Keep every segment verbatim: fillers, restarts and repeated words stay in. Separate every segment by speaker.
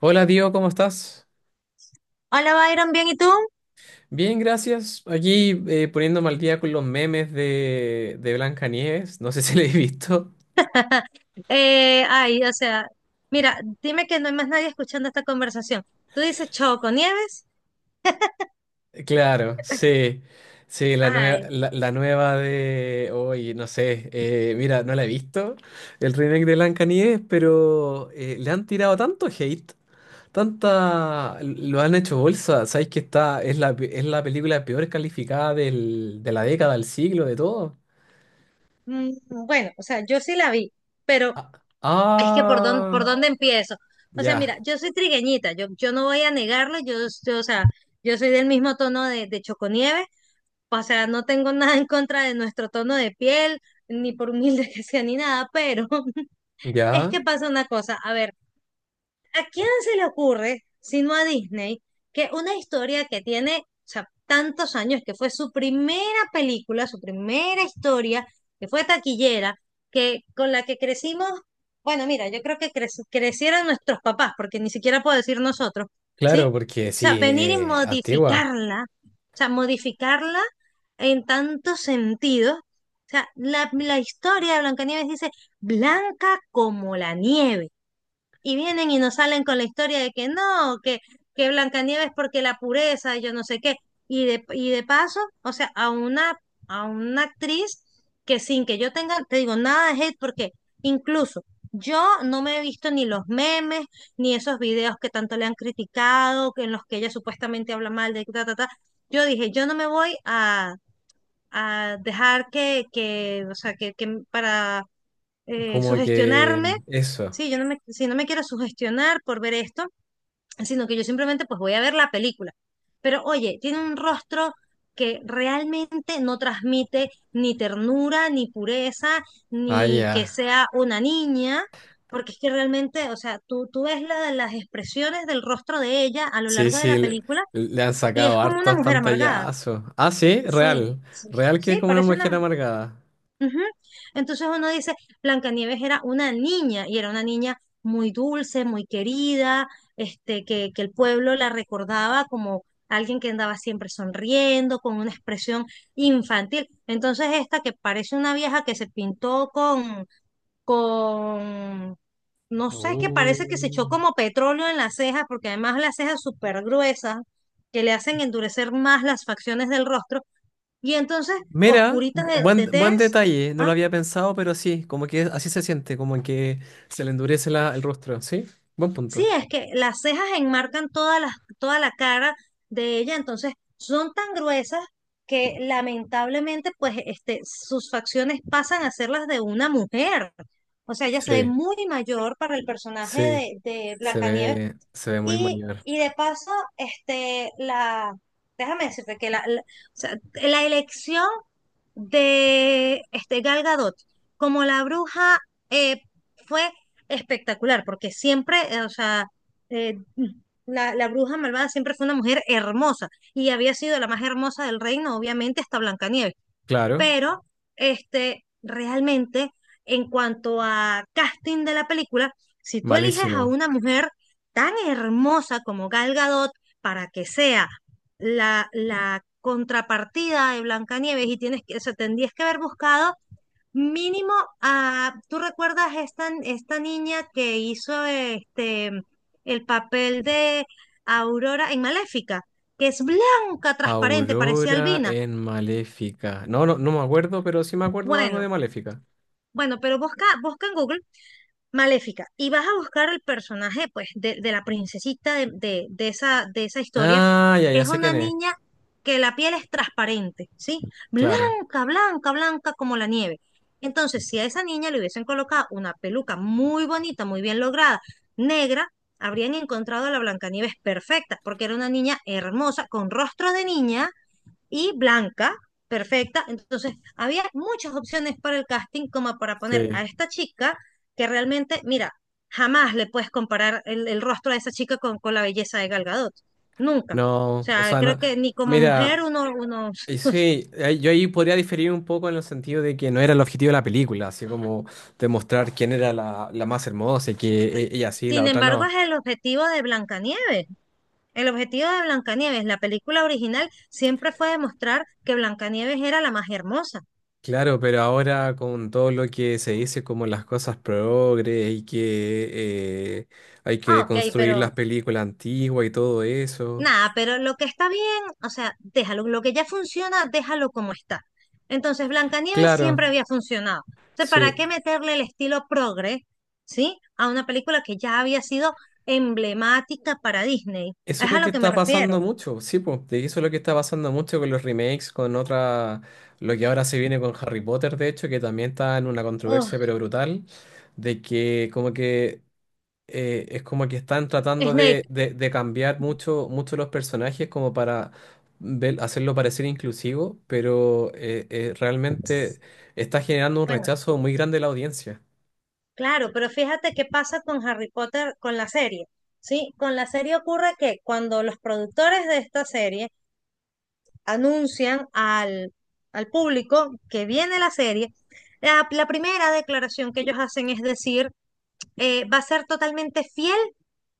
Speaker 1: Hola, tío, ¿cómo estás?
Speaker 2: Hola, Byron, ¿bien y tú?
Speaker 1: Bien, gracias. Aquí eh, poniéndome al día con los memes de, de Blancanieves. No sé si lo he visto.
Speaker 2: Eh, ay, o sea, mira, dime que no hay más nadie escuchando esta conversación. Tú dices Choco Nieves.
Speaker 1: Claro, sí. Sí, la nueva,
Speaker 2: Ay,
Speaker 1: la, la nueva de hoy, no sé. Eh, mira, no la he visto. El remake de Blancanieves, pero eh, le han tirado tanto hate. Tanta. Lo han hecho bolsa. Sabéis que está. Es la, pe- es la película peor calificada del- de la década, del siglo, de todo.
Speaker 2: mm, bueno, o sea, yo sí la vi, pero
Speaker 1: Ah,
Speaker 2: es que por dónde,
Speaker 1: ah,
Speaker 2: por dónde empiezo. O sea, mira,
Speaker 1: ya.
Speaker 2: yo soy trigueñita, yo, yo no voy a negarlo, yo, yo, o sea, yo soy del mismo tono de, de Choco Nieves, o sea, no tengo nada en contra de nuestro tono de piel, ni por humilde que sea, ni nada, pero es
Speaker 1: Ya,
Speaker 2: que pasa una cosa, a ver. ¿A quién se le ocurre, sino a Disney, que una historia que tiene, o sea, tantos años, que fue su primera película, su primera historia, que fue taquillera, que con la que crecimos? Bueno, mira, yo creo que creci- crecieron nuestros papás, porque ni siquiera puedo decir nosotros, ¿sí?
Speaker 1: claro,
Speaker 2: O
Speaker 1: porque
Speaker 2: sea,
Speaker 1: sí,
Speaker 2: venir y
Speaker 1: eh, antigua,
Speaker 2: modificarla, o sea, modificarla en tantos sentidos. O sea, la, la historia de Blancanieves dice, blanca como la nieve, y vienen y nos salen con la historia de que no, que, que Blancanieves porque la pureza, yo no sé qué. Y de, y de paso, o sea, a una, a una actriz que sin que yo tenga, te digo, nada de hate, porque incluso yo no me he visto ni los memes, ni esos videos que tanto le han criticado, que en los que ella supuestamente habla mal de ta, ta, ta. Yo dije, yo no me voy a, a dejar que, que, o sea, que, que para eh,
Speaker 1: como que
Speaker 2: sugestionarme,
Speaker 1: eso.
Speaker 2: sí, yo no me, si no me quiero sugestionar por ver esto, sino que yo simplemente pues voy a ver la película. Pero oye, tiene un rostro que realmente no transmite ni ternura, ni pureza,
Speaker 1: Ah,
Speaker 2: ni que
Speaker 1: ya.
Speaker 2: sea una niña, porque es que realmente, o sea, tú, tú ves la, las expresiones del rostro de ella a lo
Speaker 1: Sí,
Speaker 2: largo de
Speaker 1: sí,
Speaker 2: la
Speaker 1: le,
Speaker 2: película
Speaker 1: le han
Speaker 2: y es
Speaker 1: sacado
Speaker 2: como una
Speaker 1: hartos
Speaker 2: mujer amargada.
Speaker 1: pantallazos. Ah, sí,
Speaker 2: Sí,
Speaker 1: real.
Speaker 2: sí, sí,
Speaker 1: Real que es
Speaker 2: sí,
Speaker 1: como una
Speaker 2: parece
Speaker 1: mujer
Speaker 2: una,
Speaker 1: amargada.
Speaker 2: ujú. Entonces uno dice, Blancanieves era una niña y era una niña muy dulce, muy querida, este, que, que el pueblo la recordaba como alguien que andaba siempre sonriendo, con una expresión infantil. Entonces esta que parece una vieja que se pintó con, con, no sé, que
Speaker 1: Uh.
Speaker 2: parece que se echó como petróleo en las cejas, porque además las cejas súper gruesas, que le hacen endurecer más las facciones del rostro, y entonces
Speaker 1: Mira,
Speaker 2: oscurita
Speaker 1: bu-
Speaker 2: de,
Speaker 1: buen,
Speaker 2: de
Speaker 1: buen
Speaker 2: tez.
Speaker 1: detalle, no lo había pensado, pero sí, como que así se siente, como que se le endurece la- el rostro, ¿sí? Buen
Speaker 2: Sí,
Speaker 1: punto.
Speaker 2: es que las cejas enmarcan toda la, toda la cara de ella, entonces son tan gruesas que lamentablemente pues este, sus facciones pasan a ser las de una mujer. O sea, ella se ve
Speaker 1: Sí,
Speaker 2: muy mayor para el personaje
Speaker 1: sí,
Speaker 2: de, de
Speaker 1: se
Speaker 2: Blancanieves
Speaker 1: ve, se ve muy
Speaker 2: y,
Speaker 1: mayor.
Speaker 2: y de paso, este, la, déjame decirte que la, la- o sea, la elección de este, Gal Gadot como la bruja eh, fue espectacular, porque siempre, eh, o sea, eh, la, la bruja malvada siempre fue una mujer hermosa y había sido la más hermosa del reino, obviamente, hasta Blancanieves,
Speaker 1: Claro,
Speaker 2: pero este, realmente en cuanto a casting de la película, si tú eliges a
Speaker 1: malísimo.
Speaker 2: una mujer tan hermosa como Gal Gadot para que sea la, la contrapartida de Blancanieves, y tienes que, o sea, tendrías que haber buscado mínimo a, ¿tú recuerdas esta, esta niña que hizo este el papel de Aurora en Maléfica? Que es blanca, transparente, parecía
Speaker 1: Aurora
Speaker 2: albina.
Speaker 1: en Maléfica. No, no, no me acuerdo, pero sí me acuerdo de algo
Speaker 2: Bueno,
Speaker 1: de Maléfica.
Speaker 2: Bueno, pero busca, busca en Google Maléfica y vas a buscar el personaje, pues, de, de la princesita de, de- de esa, de esa historia.
Speaker 1: Ah, ya, ya
Speaker 2: Es
Speaker 1: sé
Speaker 2: una
Speaker 1: quién es.
Speaker 2: niña que la piel es transparente, ¿sí?
Speaker 1: Claro.
Speaker 2: Blanca, blanca, blanca como la nieve. Entonces, si a esa niña le hubiesen colocado una peluca muy bonita, muy bien lograda, negra, habrían encontrado a la Blancanieves perfecta, porque era una niña hermosa, con rostro de niña, y blanca, perfecta. Entonces, había muchas opciones para el casting como para poner
Speaker 1: Sí.
Speaker 2: a esta chica que realmente, mira, jamás le puedes comparar el, el rostro de esa chica con, con la belleza de Gal Gadot. Nunca. O
Speaker 1: No, o
Speaker 2: sea,
Speaker 1: sea,
Speaker 2: creo
Speaker 1: no.
Speaker 2: que ni como
Speaker 1: Mira,
Speaker 2: mujer uno, uno...
Speaker 1: y sí, ahí- yo ahí podría diferir un poco en el sentido de que no era el objetivo de la película, así como demostrar quién era la, la más hermosa y que e- ella sí, la
Speaker 2: Sin
Speaker 1: otra
Speaker 2: embargo,
Speaker 1: no.
Speaker 2: es el objetivo de Blancanieves. El objetivo de Blancanieves, la película original, siempre fue demostrar que Blancanieves era la más hermosa.
Speaker 1: Claro, pero ahora con todo lo que se dice como las cosas progres y que eh, hay
Speaker 2: Ah,
Speaker 1: que
Speaker 2: ok,
Speaker 1: construir las
Speaker 2: pero
Speaker 1: películas antiguas y todo eso.
Speaker 2: nada, pero lo que está bien, o sea, déjalo. Lo que ya funciona, déjalo como está. Entonces, Blancanieves
Speaker 1: Claro,
Speaker 2: siempre había funcionado. Entonces, ¿para
Speaker 1: sí.
Speaker 2: qué meterle el estilo progre? ¿Sí? A una película que ya había sido emblemática para Disney.
Speaker 1: Eso es
Speaker 2: Es
Speaker 1: lo
Speaker 2: a
Speaker 1: que
Speaker 2: lo que me
Speaker 1: está
Speaker 2: refiero.
Speaker 1: pasando mucho, sí, pues. Eso es lo que está pasando mucho con los remakes, con otra, lo que ahora se viene con Harry Potter, de hecho, que también está en una
Speaker 2: Ugh,
Speaker 1: controversia pero brutal, de que como que eh, es como que están tratando
Speaker 2: Snape.
Speaker 1: de, de- de cambiar mucho, mucho los personajes como para ver- hacerlo parecer inclusivo, pero eh, eh, realmente está generando un
Speaker 2: Bueno,
Speaker 1: rechazo muy grande de la audiencia.
Speaker 2: claro, pero fíjate qué pasa con Harry Potter, con la serie. Sí, con la serie ocurre que cuando los productores de esta serie anuncian al, al público que viene la serie, la, la primera declaración que ellos hacen es decir, eh, va a ser totalmente fiel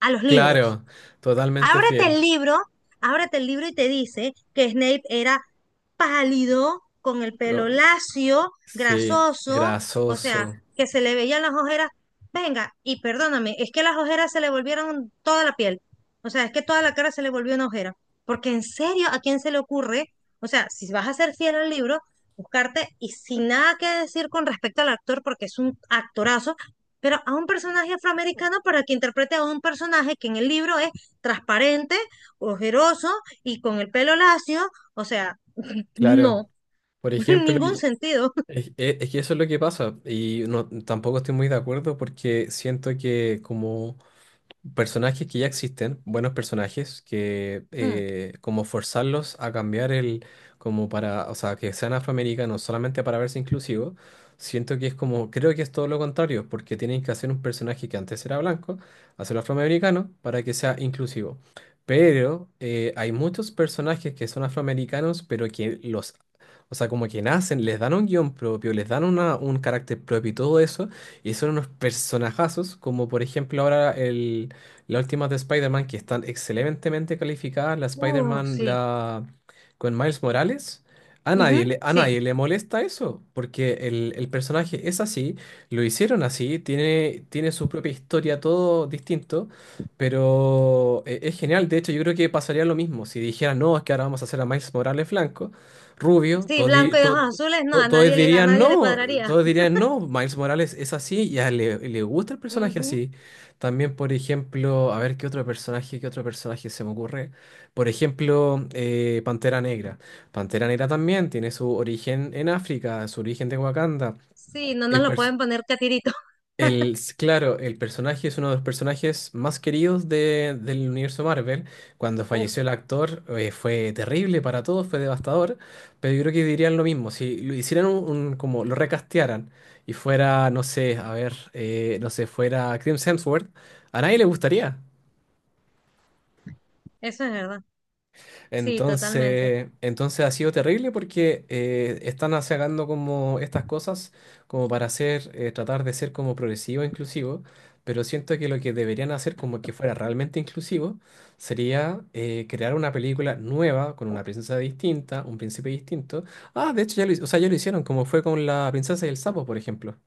Speaker 2: a los libros.
Speaker 1: Claro, totalmente
Speaker 2: Ábrete
Speaker 1: fiel.
Speaker 2: el libro, ábrete el libro y te dice que Snape era pálido, con el pelo lacio,
Speaker 1: Sí,
Speaker 2: grasoso, o sea,
Speaker 1: grasoso,
Speaker 2: que se le veían las ojeras. Venga, y perdóname, es que las ojeras se le volvieron toda la piel. O sea, es que toda la cara se le volvió una ojera. Porque en serio, ¿a quién se le ocurre? O sea, si vas a ser fiel al libro, buscarte y sin nada que decir con respecto al actor, porque es un actorazo, pero a un personaje afroamericano para que interprete a un personaje que en el libro es transparente, ojeroso y con el pelo lacio, o sea,
Speaker 1: claro.
Speaker 2: no,
Speaker 1: Por ejemplo,
Speaker 2: ningún
Speaker 1: y-
Speaker 2: sentido.
Speaker 1: es, es- es que eso es lo que pasa y no, tampoco estoy muy de acuerdo porque siento que como personajes que ya existen, buenos personajes, que
Speaker 2: Mm,
Speaker 1: eh, como forzarlos a cambiar el, como para, o sea, que sean afroamericanos no solamente para verse inclusivos, siento que es como, creo que es todo lo contrario, porque tienen que hacer un personaje que antes era blanco, hacerlo afroamericano para que sea inclusivo. Pero eh, hay muchos personajes que son afroamericanos, pero que los... O sea, como que nacen, les dan un guión propio, les dan una, un carácter propio y todo eso, y son unos personajazos, como por ejemplo ahora el, las últimas de Spider-Man que están excelentemente calificadas, la
Speaker 2: uh,
Speaker 1: Spider-Man
Speaker 2: sí,
Speaker 1: la... con Miles Morales, a nadie
Speaker 2: ujú,
Speaker 1: le, a
Speaker 2: sí.
Speaker 1: nadie le molesta eso, porque el, el personaje es así, lo hicieron así, tiene, tiene su propia historia, todo distinto, pero e- es genial. De hecho, yo creo que pasaría lo mismo si dijeran, no, es que ahora vamos a hacer a Miles Morales blanco, rubio,
Speaker 2: Sí,
Speaker 1: todos, di-
Speaker 2: blanco y ojos
Speaker 1: to-
Speaker 2: azules, no,
Speaker 1: to-
Speaker 2: a
Speaker 1: todos
Speaker 2: nadie le, a
Speaker 1: dirían
Speaker 2: nadie le
Speaker 1: no,
Speaker 2: cuadraría.
Speaker 1: todos dirían no, Miles Morales es así y a él le, le gusta el personaje
Speaker 2: Ujú.
Speaker 1: así. También, por ejemplo, a ver qué otro personaje, qué otro personaje se me ocurre. Por ejemplo, eh, Pantera Negra. Pantera Negra también tiene su origen en África, su origen de Wakanda.
Speaker 2: Sí, no nos
Speaker 1: El
Speaker 2: lo
Speaker 1: pers-
Speaker 2: pueden poner catirito.
Speaker 1: el, s- claro, el personaje es uno de los personajes más queridos de- del universo Marvel. Cuando
Speaker 2: Uf.
Speaker 1: falleció el actor, eh, fue terrible para todos, fue devastador. Pero yo creo que dirían lo mismo, si lo hicieran un, un- como lo recastearan y fuera, no sé, a ver, eh, no sé, fuera Chris Hemsworth, a nadie le gustaría.
Speaker 2: Eso es verdad. Sí, totalmente.
Speaker 1: Entonces, entonces ha sido terrible porque eh, están sacando como estas cosas como para hacer, eh, tratar de ser como progresivo e inclusivo, pero siento que lo que deberían hacer como que fuera realmente inclusivo sería eh, crear una película nueva con una princesa distinta, un príncipe distinto. Ah, de hecho ya lo, hi- o sea, ya lo hicieron, como fue con la princesa y el sapo, por ejemplo.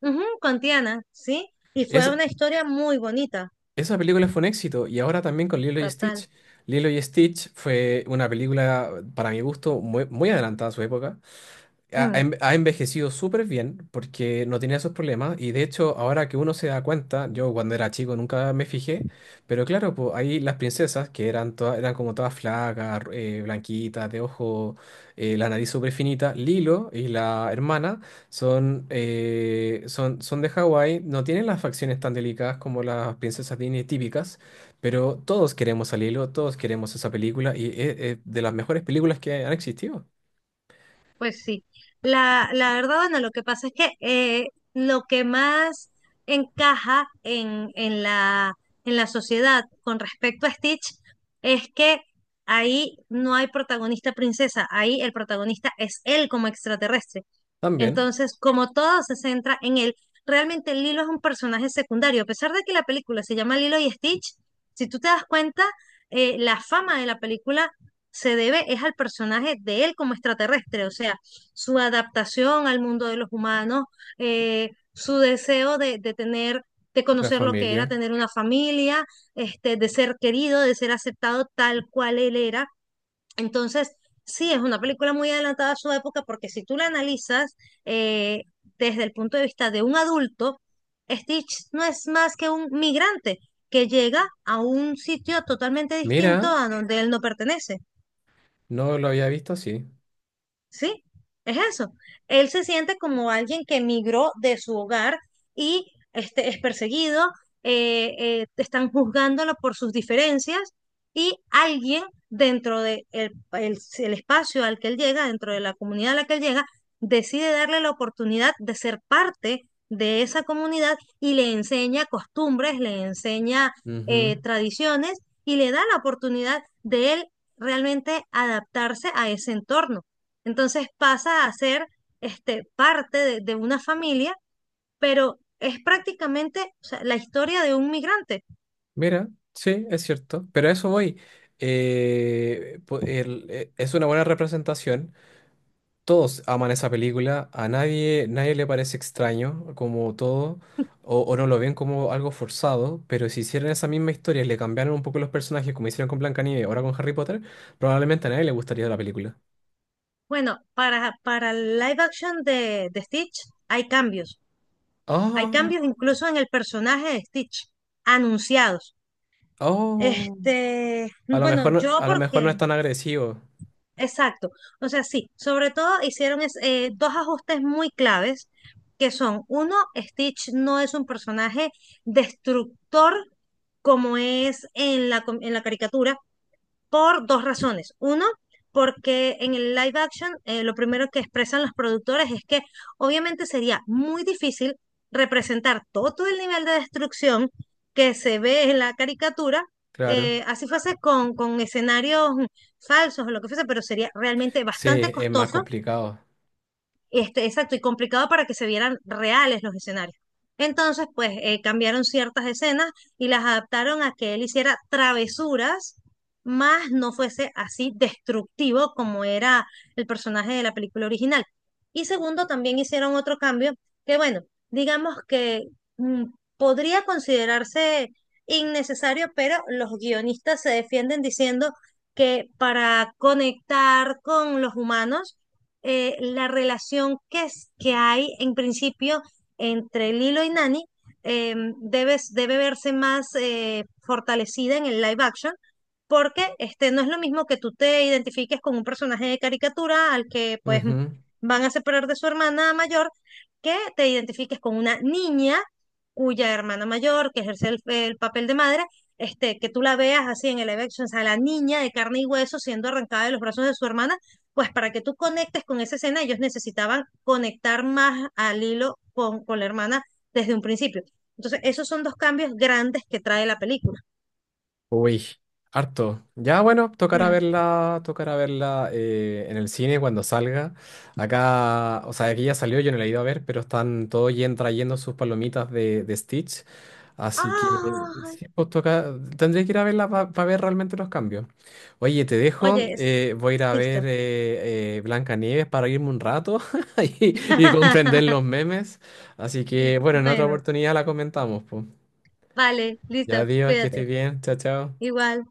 Speaker 2: Ujú, con Tiana, sí. Y
Speaker 1: Es,
Speaker 2: fue una historia muy bonita,
Speaker 1: esa película fue un éxito y ahora también con Lilo y
Speaker 2: total.
Speaker 1: Stitch. Lilo y Stitch fue una película, para mi gusto, muy, muy adelantada a su época. ha, ha
Speaker 2: Mm.
Speaker 1: en- ha envejecido súper bien porque no tenía esos problemas y de hecho ahora que uno se da cuenta, yo cuando era chico nunca me fijé, pero claro, pues ahí las princesas que eran todas, eran como todas flacas, ru- eh, blanquitas, de ojo, eh, la nariz súper finita, Lilo y la hermana son, eh, son, son de Hawái, no tienen las facciones tan delicadas como las princesas Disney típicas. Pero todos queremos a Lilo, todos queremos esa película y es es de las mejores películas que han existido.
Speaker 2: Pues sí, la, la verdad, bueno, lo que pasa es que eh, lo que más encaja en, en la, en la sociedad con respecto a Stitch es que ahí no hay protagonista princesa, ahí el protagonista es él como extraterrestre.
Speaker 1: También
Speaker 2: Entonces, como todo se centra en él, realmente Lilo es un personaje secundario. A pesar de que la película se llama Lilo y Stitch, si tú te das cuenta, eh, la fama de la película se debe es al personaje de él como extraterrestre, o sea, su adaptación al mundo de los humanos, eh, su deseo de, de tener, de
Speaker 1: la
Speaker 2: conocer lo que era
Speaker 1: familia.
Speaker 2: tener una familia, este, de ser querido, de ser aceptado tal cual él era, entonces, sí, es una película muy adelantada a su época porque si tú la analizas eh, desde el punto de vista de un adulto, Stitch no es más que un migrante que llega a un sitio totalmente distinto
Speaker 1: Mira,
Speaker 2: a donde él no pertenece.
Speaker 1: no lo había visto así.
Speaker 2: Sí, es eso. Él se siente como alguien que emigró de su hogar y este, es perseguido, eh, eh, están juzgándolo por sus diferencias y alguien dentro de el, el- el espacio al que él llega, dentro de la comunidad a la que él llega, decide darle la oportunidad de ser parte de esa comunidad y le enseña costumbres, le enseña eh,
Speaker 1: Ujú.
Speaker 2: tradiciones y le da la oportunidad de él realmente adaptarse a ese entorno. Entonces pasa a ser este, parte de, de una familia, pero es prácticamente, o sea, la historia de un migrante.
Speaker 1: Mira, sí, es cierto. Pero a eso voy. Eh, po- el- eh, es una buena representación. Todos aman esa película. A nadie, nadie le parece extraño, como todo. O, o no lo ven como algo forzado. Pero si hicieran esa misma historia y le cambiaran un poco los personajes, como hicieron con Blancanieves, ahora con Harry Potter, probablemente a nadie le gustaría la película.
Speaker 2: Bueno, para, para el live action de, de Stitch hay cambios. Hay
Speaker 1: Ah,
Speaker 2: cambios incluso en el personaje de Stitch, anunciados.
Speaker 1: oh.
Speaker 2: Este,
Speaker 1: A lo
Speaker 2: bueno,
Speaker 1: mejor, no-
Speaker 2: yo
Speaker 1: a lo mejor no
Speaker 2: porque
Speaker 1: es tan agresivo.
Speaker 2: exacto. O sea, sí, sobre todo hicieron es- eh, dos ajustes muy claves, que son, uno, Stitch no es un personaje destructor como es en la, com- en la caricatura, por dos razones. Uno, porque en el live action eh, lo primero que expresan los productores es que obviamente sería muy difícil representar todo todo el nivel de destrucción que se ve en la caricatura,
Speaker 1: Claro.
Speaker 2: eh, así fuese con, con escenarios falsos o lo que fuese, pero sería realmente
Speaker 1: Sí,
Speaker 2: bastante
Speaker 1: es más
Speaker 2: costoso
Speaker 1: complicado.
Speaker 2: este, exacto, y complicado para que se vieran reales los escenarios. Entonces, pues eh, cambiaron ciertas escenas y las adaptaron a que él hiciera travesuras, más no fuese así destructivo como era el personaje de la película original. Y segundo, también hicieron otro cambio que, bueno, digamos que mm, podría considerarse innecesario, pero los guionistas se defienden diciendo que para conectar con los humanos, eh, la relación que, es, que hay en principio entre Lilo y Nani eh, debe, debe verse más eh, fortalecida en el live action, porque este, no es lo mismo que tú te identifiques con un personaje de caricatura al que pues
Speaker 1: Ujú.
Speaker 2: van a separar de su hermana mayor, que te identifiques con una niña cuya hermana mayor, que ejerce el, el papel de madre, este, que tú la veas así en el live action, o sea, la niña de carne y hueso siendo arrancada de los brazos de su hermana, pues para que tú conectes con esa escena, ellos necesitaban conectar más al hilo con, con la hermana desde un principio. Entonces, esos son dos cambios grandes que trae la película.
Speaker 1: Uy, harto. Ya bueno, tocará
Speaker 2: Mm.
Speaker 1: verla, tocará verla eh, en el cine cuando salga. Acá, o sea, aquí ya salió, yo no la he ido a ver, pero están todos yen- trayendo sus palomitas de, de Stitch. Así que
Speaker 2: Ay,
Speaker 1: sí, pues toca, tendré que ir a verla para ver realmente los cambios. Oye, te dejo,
Speaker 2: oye, es-
Speaker 1: eh, voy a ir a ver
Speaker 2: listo.
Speaker 1: eh, eh, Blancanieves para irme un rato y, y comprender los memes. Así que bueno, en otra
Speaker 2: Bueno,
Speaker 1: oportunidad la comentamos, pues.
Speaker 2: vale,
Speaker 1: Ya,
Speaker 2: listo,
Speaker 1: Dios, que estés
Speaker 2: cuídate.
Speaker 1: bien. Chao, chao.
Speaker 2: Igual.